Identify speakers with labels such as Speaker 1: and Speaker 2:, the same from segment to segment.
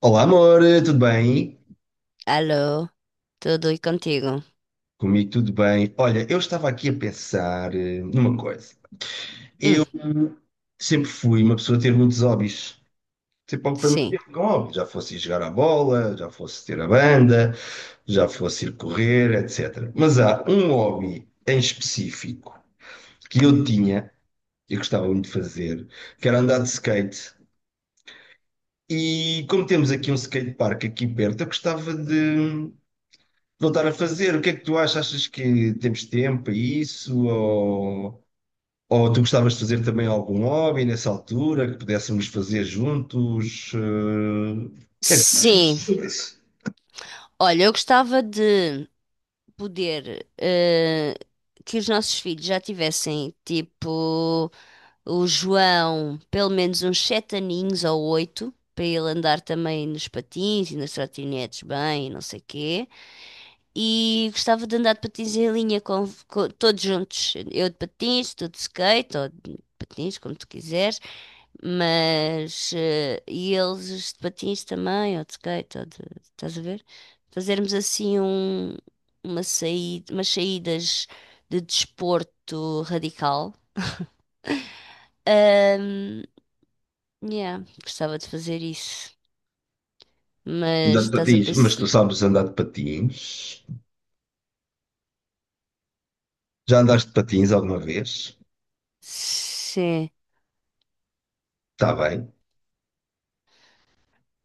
Speaker 1: Olá, amor, tudo bem?
Speaker 2: Alô, tudo e contigo?
Speaker 1: Comigo tudo bem. Olha, eu estava aqui a pensar numa coisa.
Speaker 2: Hum,
Speaker 1: Eu sempre fui uma pessoa a ter muitos hobbies. Sempre algo para mim
Speaker 2: sim.
Speaker 1: ter com hobbies. Já fosse ir jogar à bola, já fosse ter a banda, já fosse ir correr, etc. Mas há um hobby em específico que eu tinha, eu gostava muito de fazer, que era andar de skate. E como temos aqui um skatepark aqui perto, eu gostava de voltar a fazer. O que é que tu achas? Achas que temos tempo para isso? Ou tu gostavas de fazer também algum hobby nessa altura que pudéssemos fazer juntos? Achas
Speaker 2: Sim,
Speaker 1: sobre isso?
Speaker 2: olha, eu gostava de poder que os nossos filhos já tivessem, tipo, o João, pelo menos uns 7 aninhos ou 8, para ele andar também nos patins e nas trotinetes bem, e não sei quê. E gostava de andar de patins em linha com todos juntos. Eu de patins, tu de skate, ou de patins, como tu quiseres. Mas, e eles de patins também, ou de skate, ou de, estás a ver? Fazermos assim uma saída, umas saídas de desporto radical. Ahm, yeah, gostava de fazer isso. Mas
Speaker 1: Andar de
Speaker 2: estás a
Speaker 1: patins, mas
Speaker 2: pensar.
Speaker 1: tu sabes andar de patins? Já andaste de patins alguma vez?
Speaker 2: Sim.
Speaker 1: Está bem.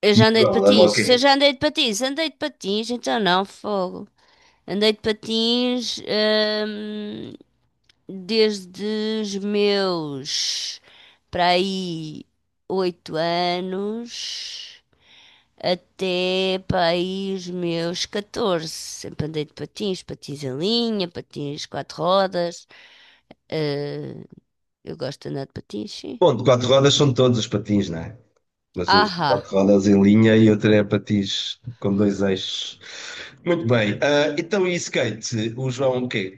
Speaker 2: Eu
Speaker 1: E o
Speaker 2: já andei de
Speaker 1: João leva o
Speaker 2: patins.
Speaker 1: quê?
Speaker 2: Se eu já andei de patins, então não, fogo. Andei de patins, desde os meus para aí 8 anos até para aí os meus 14. Sempre andei de patins, patins em linha, patins quatro rodas. Eh, eu gosto de andar de patins, sim.
Speaker 1: Bom, de quatro rodas são todos os patins, não é? Mas um de quatro
Speaker 2: Ahá.
Speaker 1: rodas em linha e outro é patins com dois eixos. Muito bem. Ah, então, e skate? O João, o quê?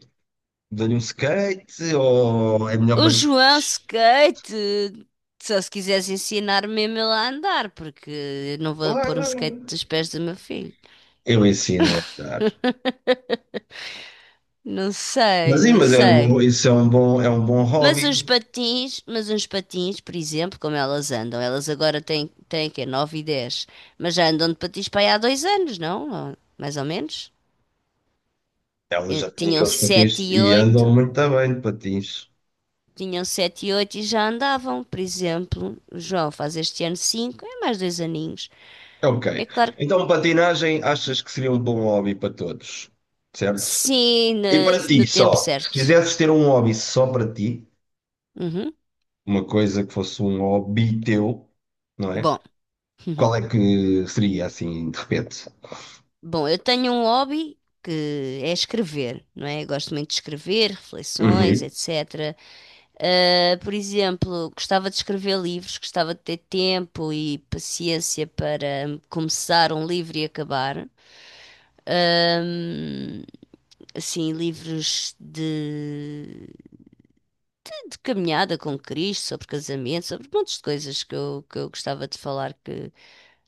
Speaker 1: Dou-lhe um skate ou é melhor
Speaker 2: O
Speaker 1: para ti?
Speaker 2: João skate! Só se quiseres ensinar mesmo ele a andar, porque eu não vou pôr um skate
Speaker 1: Claro,
Speaker 2: dos pés do meu filho.
Speaker 1: eu ensino a dar.
Speaker 2: Não sei,
Speaker 1: Mas sim,
Speaker 2: não
Speaker 1: mas é,
Speaker 2: sei.
Speaker 1: isso é um bom hobby.
Speaker 2: Mas uns patins, por exemplo, como elas andam, elas agora têm que é 9 e 10, mas já andam de patins para aí há 2 anos, não? Ou- mais ou menos.
Speaker 1: Elas já têm
Speaker 2: Tinham
Speaker 1: aqueles
Speaker 2: 7
Speaker 1: patins
Speaker 2: e
Speaker 1: e andam
Speaker 2: 8,
Speaker 1: muito bem de patins.
Speaker 2: tinham 7 e 8 e já andavam, por exemplo. O João faz este ano 5, é mais 2 aninhos.
Speaker 1: É ok.
Speaker 2: É claro que
Speaker 1: Então, patinagem achas que seria um bom hobby para todos, certo?
Speaker 2: sim,
Speaker 1: E para
Speaker 2: no,
Speaker 1: ti
Speaker 2: no tempo
Speaker 1: só, se
Speaker 2: certo.
Speaker 1: quisesses ter um hobby só para ti,
Speaker 2: Uhum.
Speaker 1: uma coisa que fosse um hobby teu, não é?
Speaker 2: Bom,
Speaker 1: Qual é que seria assim, de repente?
Speaker 2: bom, eu tenho um hobby que é escrever, não é? Eu gosto muito de escrever, reflexões,
Speaker 1: Uhum.
Speaker 2: etc. Por exemplo, gostava de escrever livros, gostava de ter tempo e paciência para começar um livro e acabar. Um, assim, livros de caminhada com Cristo, sobre casamento, sobre montes de coisas que eu gostava de falar que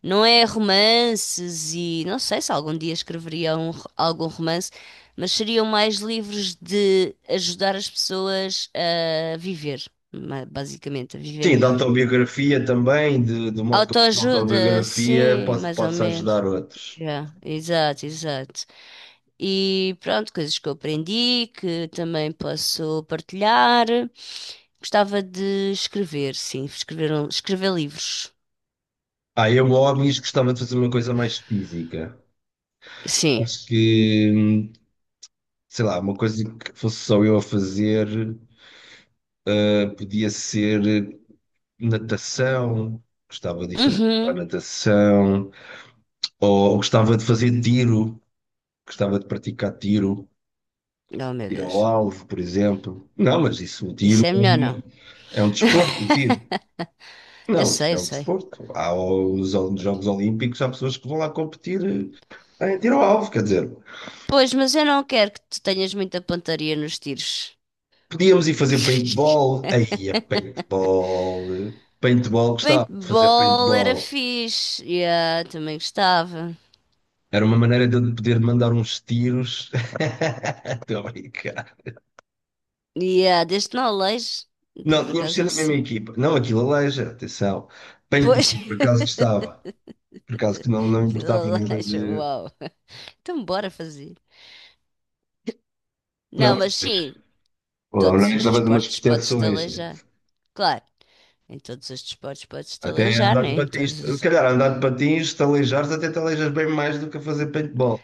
Speaker 2: não é romances e não sei se algum dia escreveria algum romance, mas seriam mais livros de ajudar as pessoas a viver, basicamente, a viver
Speaker 1: Sim, da
Speaker 2: melhor.
Speaker 1: autobiografia também, de, do modo como essa
Speaker 2: Autoajuda,
Speaker 1: autobiografia
Speaker 2: sim,
Speaker 1: pode,
Speaker 2: mais ou
Speaker 1: pode
Speaker 2: menos.
Speaker 1: ajudar outros.
Speaker 2: Já exato, exato. E pronto, coisas que eu aprendi, que também posso partilhar. Gostava de escrever, sim, escrever, escrever livros.
Speaker 1: Ah, eu, óbvio, gostava de fazer uma coisa mais física.
Speaker 2: Sim.
Speaker 1: Acho que, sei lá, uma coisa que fosse só eu a fazer, podia ser natação, gostava de fazer para
Speaker 2: Uhum.
Speaker 1: natação, ou gostava de fazer tiro, gostava de praticar tiro,
Speaker 2: Oh, meu
Speaker 1: tiro ao
Speaker 2: Deus.
Speaker 1: alvo, por exemplo. Não, mas isso, o tiro
Speaker 2: Isso é melhor não.
Speaker 1: é um desporto, o tiro.
Speaker 2: Eu
Speaker 1: Não,
Speaker 2: sei, eu
Speaker 1: tirar o
Speaker 2: sei.
Speaker 1: desporto. Há os Jogos Olímpicos, há pessoas que vão lá competir em tiro ao alvo, quer dizer,
Speaker 2: Pois, mas eu não quero que tu tenhas muita pontaria nos tiros.
Speaker 1: podíamos ir fazer paintball, paintball, gostava de fazer
Speaker 2: Paintball era
Speaker 1: paintball.
Speaker 2: fixe. Yeah, também gostava.
Speaker 1: Era uma maneira de eu poder mandar uns tiros. Estou a brincar.
Speaker 2: E ah, desde que não aleije,
Speaker 1: Não,
Speaker 2: por
Speaker 1: tínhamos de
Speaker 2: acaso
Speaker 1: ser
Speaker 2: não
Speaker 1: da mesma
Speaker 2: sei.
Speaker 1: equipa. Não, aquilo aleija, atenção.
Speaker 2: Pois,
Speaker 1: Paintball, por acaso gostava. Por acaso que não, não
Speaker 2: que
Speaker 1: importava nada
Speaker 2: aleija,
Speaker 1: de.
Speaker 2: uau. Então bora fazer.
Speaker 1: Não,
Speaker 2: Não, mas
Speaker 1: mas
Speaker 2: sim,
Speaker 1: lá não
Speaker 2: todos
Speaker 1: é
Speaker 2: os
Speaker 1: através de umas
Speaker 2: desportos podes-te
Speaker 1: proteções, né?
Speaker 2: aleijar. Claro, em todos os desportos podes-te
Speaker 1: Até
Speaker 2: aleijar,
Speaker 1: andar
Speaker 2: né?
Speaker 1: de
Speaker 2: Em
Speaker 1: patins.
Speaker 2: todos
Speaker 1: Se
Speaker 2: os...
Speaker 1: calhar andar de patins, te aleijares, até te aleijas bem mais do que a fazer paintball.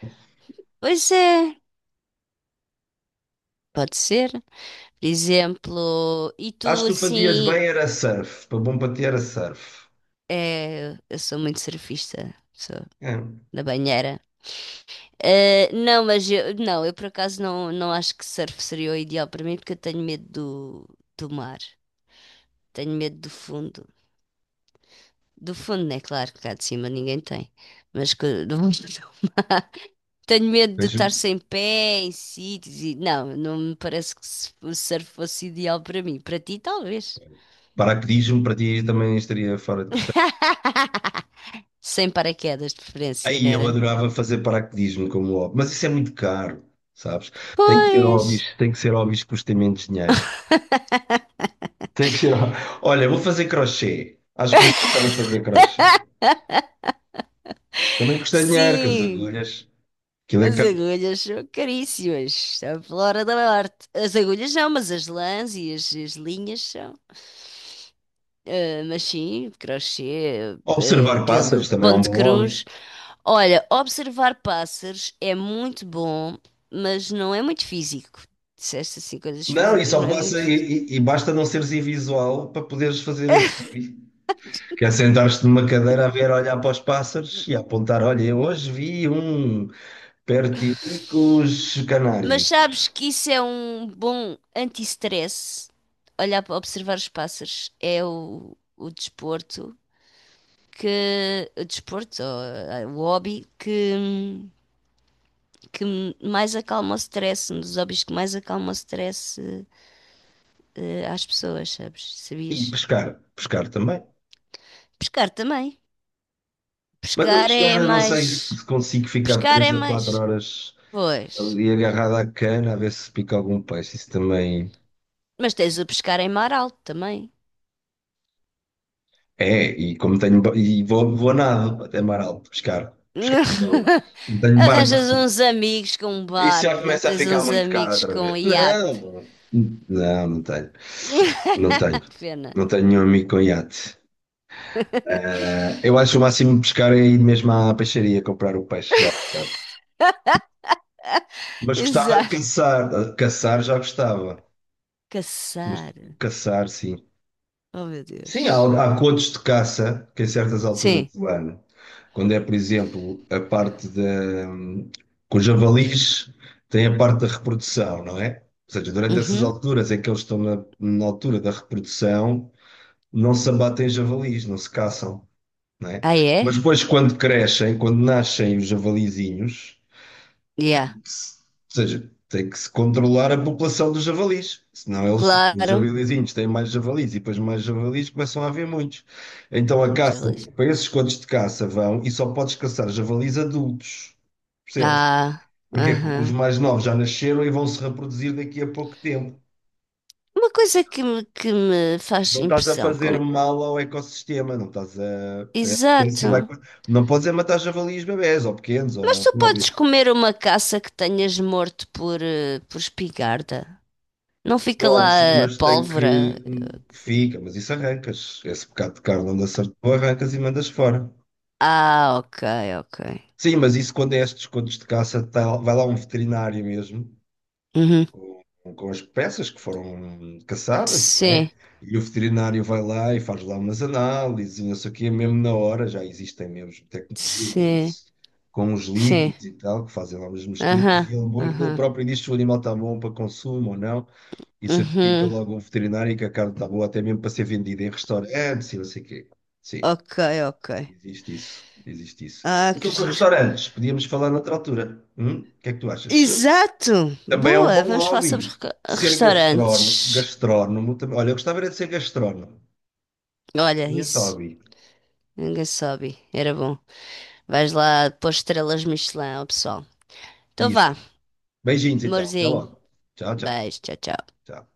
Speaker 2: Pois é, pode ser. Por exemplo, e
Speaker 1: Acho
Speaker 2: tu
Speaker 1: que tu fazias
Speaker 2: assim,
Speaker 1: bem era surf. Para bom para ti era surf.
Speaker 2: é, eu sou muito surfista, sou
Speaker 1: É.
Speaker 2: da banheira. Não, mas eu, não, eu por acaso não, não acho que surf seria o ideal para mim porque eu tenho medo do, do mar, tenho medo do fundo. Do fundo, né? Claro que cá de cima ninguém tem, mas do tenho medo de
Speaker 1: Mas
Speaker 2: estar sem pé em sítios e não, não me parece que o surf fosse ideal para mim. Para ti, talvez.
Speaker 1: paraquedismo para ti também estaria fora de questão.
Speaker 2: Sem paraquedas de preferência, não
Speaker 1: Aí eu
Speaker 2: era?
Speaker 1: adorava fazer paraquedismo como hobby. Mas isso é muito caro, sabes? Tem que ter
Speaker 2: Pois,
Speaker 1: hobbies, tem que ser hobbies que custem menos dinheiro. Tem que ser. Olha, vou fazer crochê. Acho que vou começar a fazer crochê. Também custa dinheiro, com as
Speaker 2: sim.
Speaker 1: agulhas. Aquilo é
Speaker 2: As
Speaker 1: caro.
Speaker 2: agulhas são caríssimas, a flora da morte. As agulhas não, mas as lãs e as linhas são. Ah, mas sim, crochê, ah,
Speaker 1: Observar
Speaker 2: aquele
Speaker 1: pássaros também é
Speaker 2: ponto
Speaker 1: um
Speaker 2: de
Speaker 1: bom hobby.
Speaker 2: cruz. Olha, observar pássaros é muito bom, mas não é muito físico. Disseste assim, coisas
Speaker 1: Não, e
Speaker 2: físicas
Speaker 1: só
Speaker 2: não é
Speaker 1: passa
Speaker 2: muito
Speaker 1: e,
Speaker 2: físico.
Speaker 1: e- e basta não seres invisual para poderes fazer esse hobby. Que é sentar-te numa cadeira a ver, olhar para os pássaros e apontar, olha, eu hoje vi um pertilicus
Speaker 2: Mas
Speaker 1: canário.
Speaker 2: sabes que isso é um bom anti-stress? Olhar para observar os pássaros é o desporto que o desporto, ou, o hobby que mais acalma o stress, um dos hobbies que mais acalma o stress às pessoas, sabes?
Speaker 1: E
Speaker 2: Sabias?
Speaker 1: pescar, pescar também.
Speaker 2: Pescar também.
Speaker 1: Mas eu
Speaker 2: Pescar
Speaker 1: pescar,
Speaker 2: é
Speaker 1: eu não sei
Speaker 2: mais.
Speaker 1: se consigo ficar
Speaker 2: Pescar
Speaker 1: três
Speaker 2: é
Speaker 1: ou quatro
Speaker 2: mais.
Speaker 1: horas
Speaker 2: Pois.
Speaker 1: ali agarrado à cana a ver se pica algum peixe. Isso também
Speaker 2: Mas tens o pescar em mar alto também.
Speaker 1: é, e como tenho, e vou, vou a nado até mar alto pescar. Não, não tenho
Speaker 2: Arranjas
Speaker 1: barco.
Speaker 2: uns amigos com um
Speaker 1: Isso já
Speaker 2: barco, não
Speaker 1: começa a
Speaker 2: tens
Speaker 1: ficar
Speaker 2: uns
Speaker 1: muito caro
Speaker 2: amigos
Speaker 1: outra
Speaker 2: com um
Speaker 1: vez.
Speaker 2: iate.
Speaker 1: Não, não, não tenho. Não tenho.
Speaker 2: Pena.
Speaker 1: Não tenho nenhum amigo com iate. Ah, eu acho o máximo pescar é ir mesmo à peixaria comprar o peixe já. Mas gostava de
Speaker 2: Exato.
Speaker 1: caçar. Ah, caçar já gostava. Mas
Speaker 2: Caçar.
Speaker 1: caçar, sim.
Speaker 2: Oh, meu
Speaker 1: Sim,
Speaker 2: Deus.
Speaker 1: há, há contos de caça que, em certas alturas
Speaker 2: Sim.
Speaker 1: do ano, quando é, por exemplo, a parte da. Com os javalis, tem a parte da reprodução, não é? Ou seja, durante essas
Speaker 2: Uhum.
Speaker 1: alturas em que eles estão na, na altura da reprodução, não se abatem javalis, não se caçam, não é?
Speaker 2: Ah, é?
Speaker 1: Mas depois, quando crescem, quando nascem os javalizinhos.
Speaker 2: Yeah.
Speaker 1: Ou seja, tem que se controlar a população dos javalis. Senão eles, os
Speaker 2: Claro.
Speaker 1: javalizinhos têm mais javalis e depois mais javalis começam a haver muitos. Então a
Speaker 2: Muito
Speaker 1: caça,
Speaker 2: feliz.
Speaker 1: para esses cotos de caça vão e só podes caçar javalis adultos. Percebes?
Speaker 2: Ah,
Speaker 1: Porquê? Porque os
Speaker 2: aham.
Speaker 1: mais novos já nasceram e vão se reproduzir daqui a pouco tempo.
Speaker 2: Uma coisa que me faz
Speaker 1: Não estás a
Speaker 2: impressão,
Speaker 1: fazer
Speaker 2: como...
Speaker 1: mal ao ecossistema, não estás a. A espécie
Speaker 2: Exato.
Speaker 1: vai. Não podes é matar javalis bebés ou pequenos
Speaker 2: Mas
Speaker 1: ou
Speaker 2: tu podes
Speaker 1: novos.
Speaker 2: comer uma caça que tenhas morto por, por espingarda? Não fica
Speaker 1: Podes,
Speaker 2: lá a
Speaker 1: mas tem
Speaker 2: pólvora?
Speaker 1: que. Fica, mas isso arrancas. Esse bocado de carne onde acertou, arrancas e mandas fora.
Speaker 2: Ah, ok, ok.
Speaker 1: Sim, mas isso quando é estes contos de caça, vai lá um veterinário mesmo,
Speaker 2: Uhum.
Speaker 1: com as peças que foram caçadas, não é?
Speaker 2: Sim,
Speaker 1: E o veterinário vai lá e faz lá umas análises e não sei o quê, mesmo na hora, já existem mesmo tecnologia para
Speaker 2: sim,
Speaker 1: isso, com os
Speaker 2: sim.
Speaker 1: líquidos e tal, que fazem lá umas misturas,
Speaker 2: Aham,
Speaker 1: e ele
Speaker 2: aham.
Speaker 1: próprio diz se o animal está bom para consumo ou não. E certifica
Speaker 2: Uhum.
Speaker 1: logo o veterinário que a carne está boa, até mesmo para ser vendida em restaurantes e não sei o quê. Sim,
Speaker 2: Ok, ok.
Speaker 1: existe isso, existe isso.
Speaker 2: Ah,
Speaker 1: E
Speaker 2: que
Speaker 1: sobre
Speaker 2: giro.
Speaker 1: restaurantes, podíamos falar noutra altura. Hum? O que é que tu achas?
Speaker 2: Exato!
Speaker 1: Também é um
Speaker 2: Boa!
Speaker 1: bom
Speaker 2: Vamos falar sobre
Speaker 1: hobby. Ser gastrónomo,
Speaker 2: restaurantes.
Speaker 1: gastrónomo também. Olha, eu gostava era de ser gastrónomo.
Speaker 2: Olha,
Speaker 1: Excelente
Speaker 2: isso.
Speaker 1: hobby.
Speaker 2: Ninguém sobe. Era bom. Vais lá pôr estrelas Michelin ao pessoal. Então
Speaker 1: Isso.
Speaker 2: vá,
Speaker 1: Beijinhos então. Até
Speaker 2: amorzinho.
Speaker 1: logo. Tchau, tchau.
Speaker 2: Beijo, tchau, tchau.
Speaker 1: Tchau.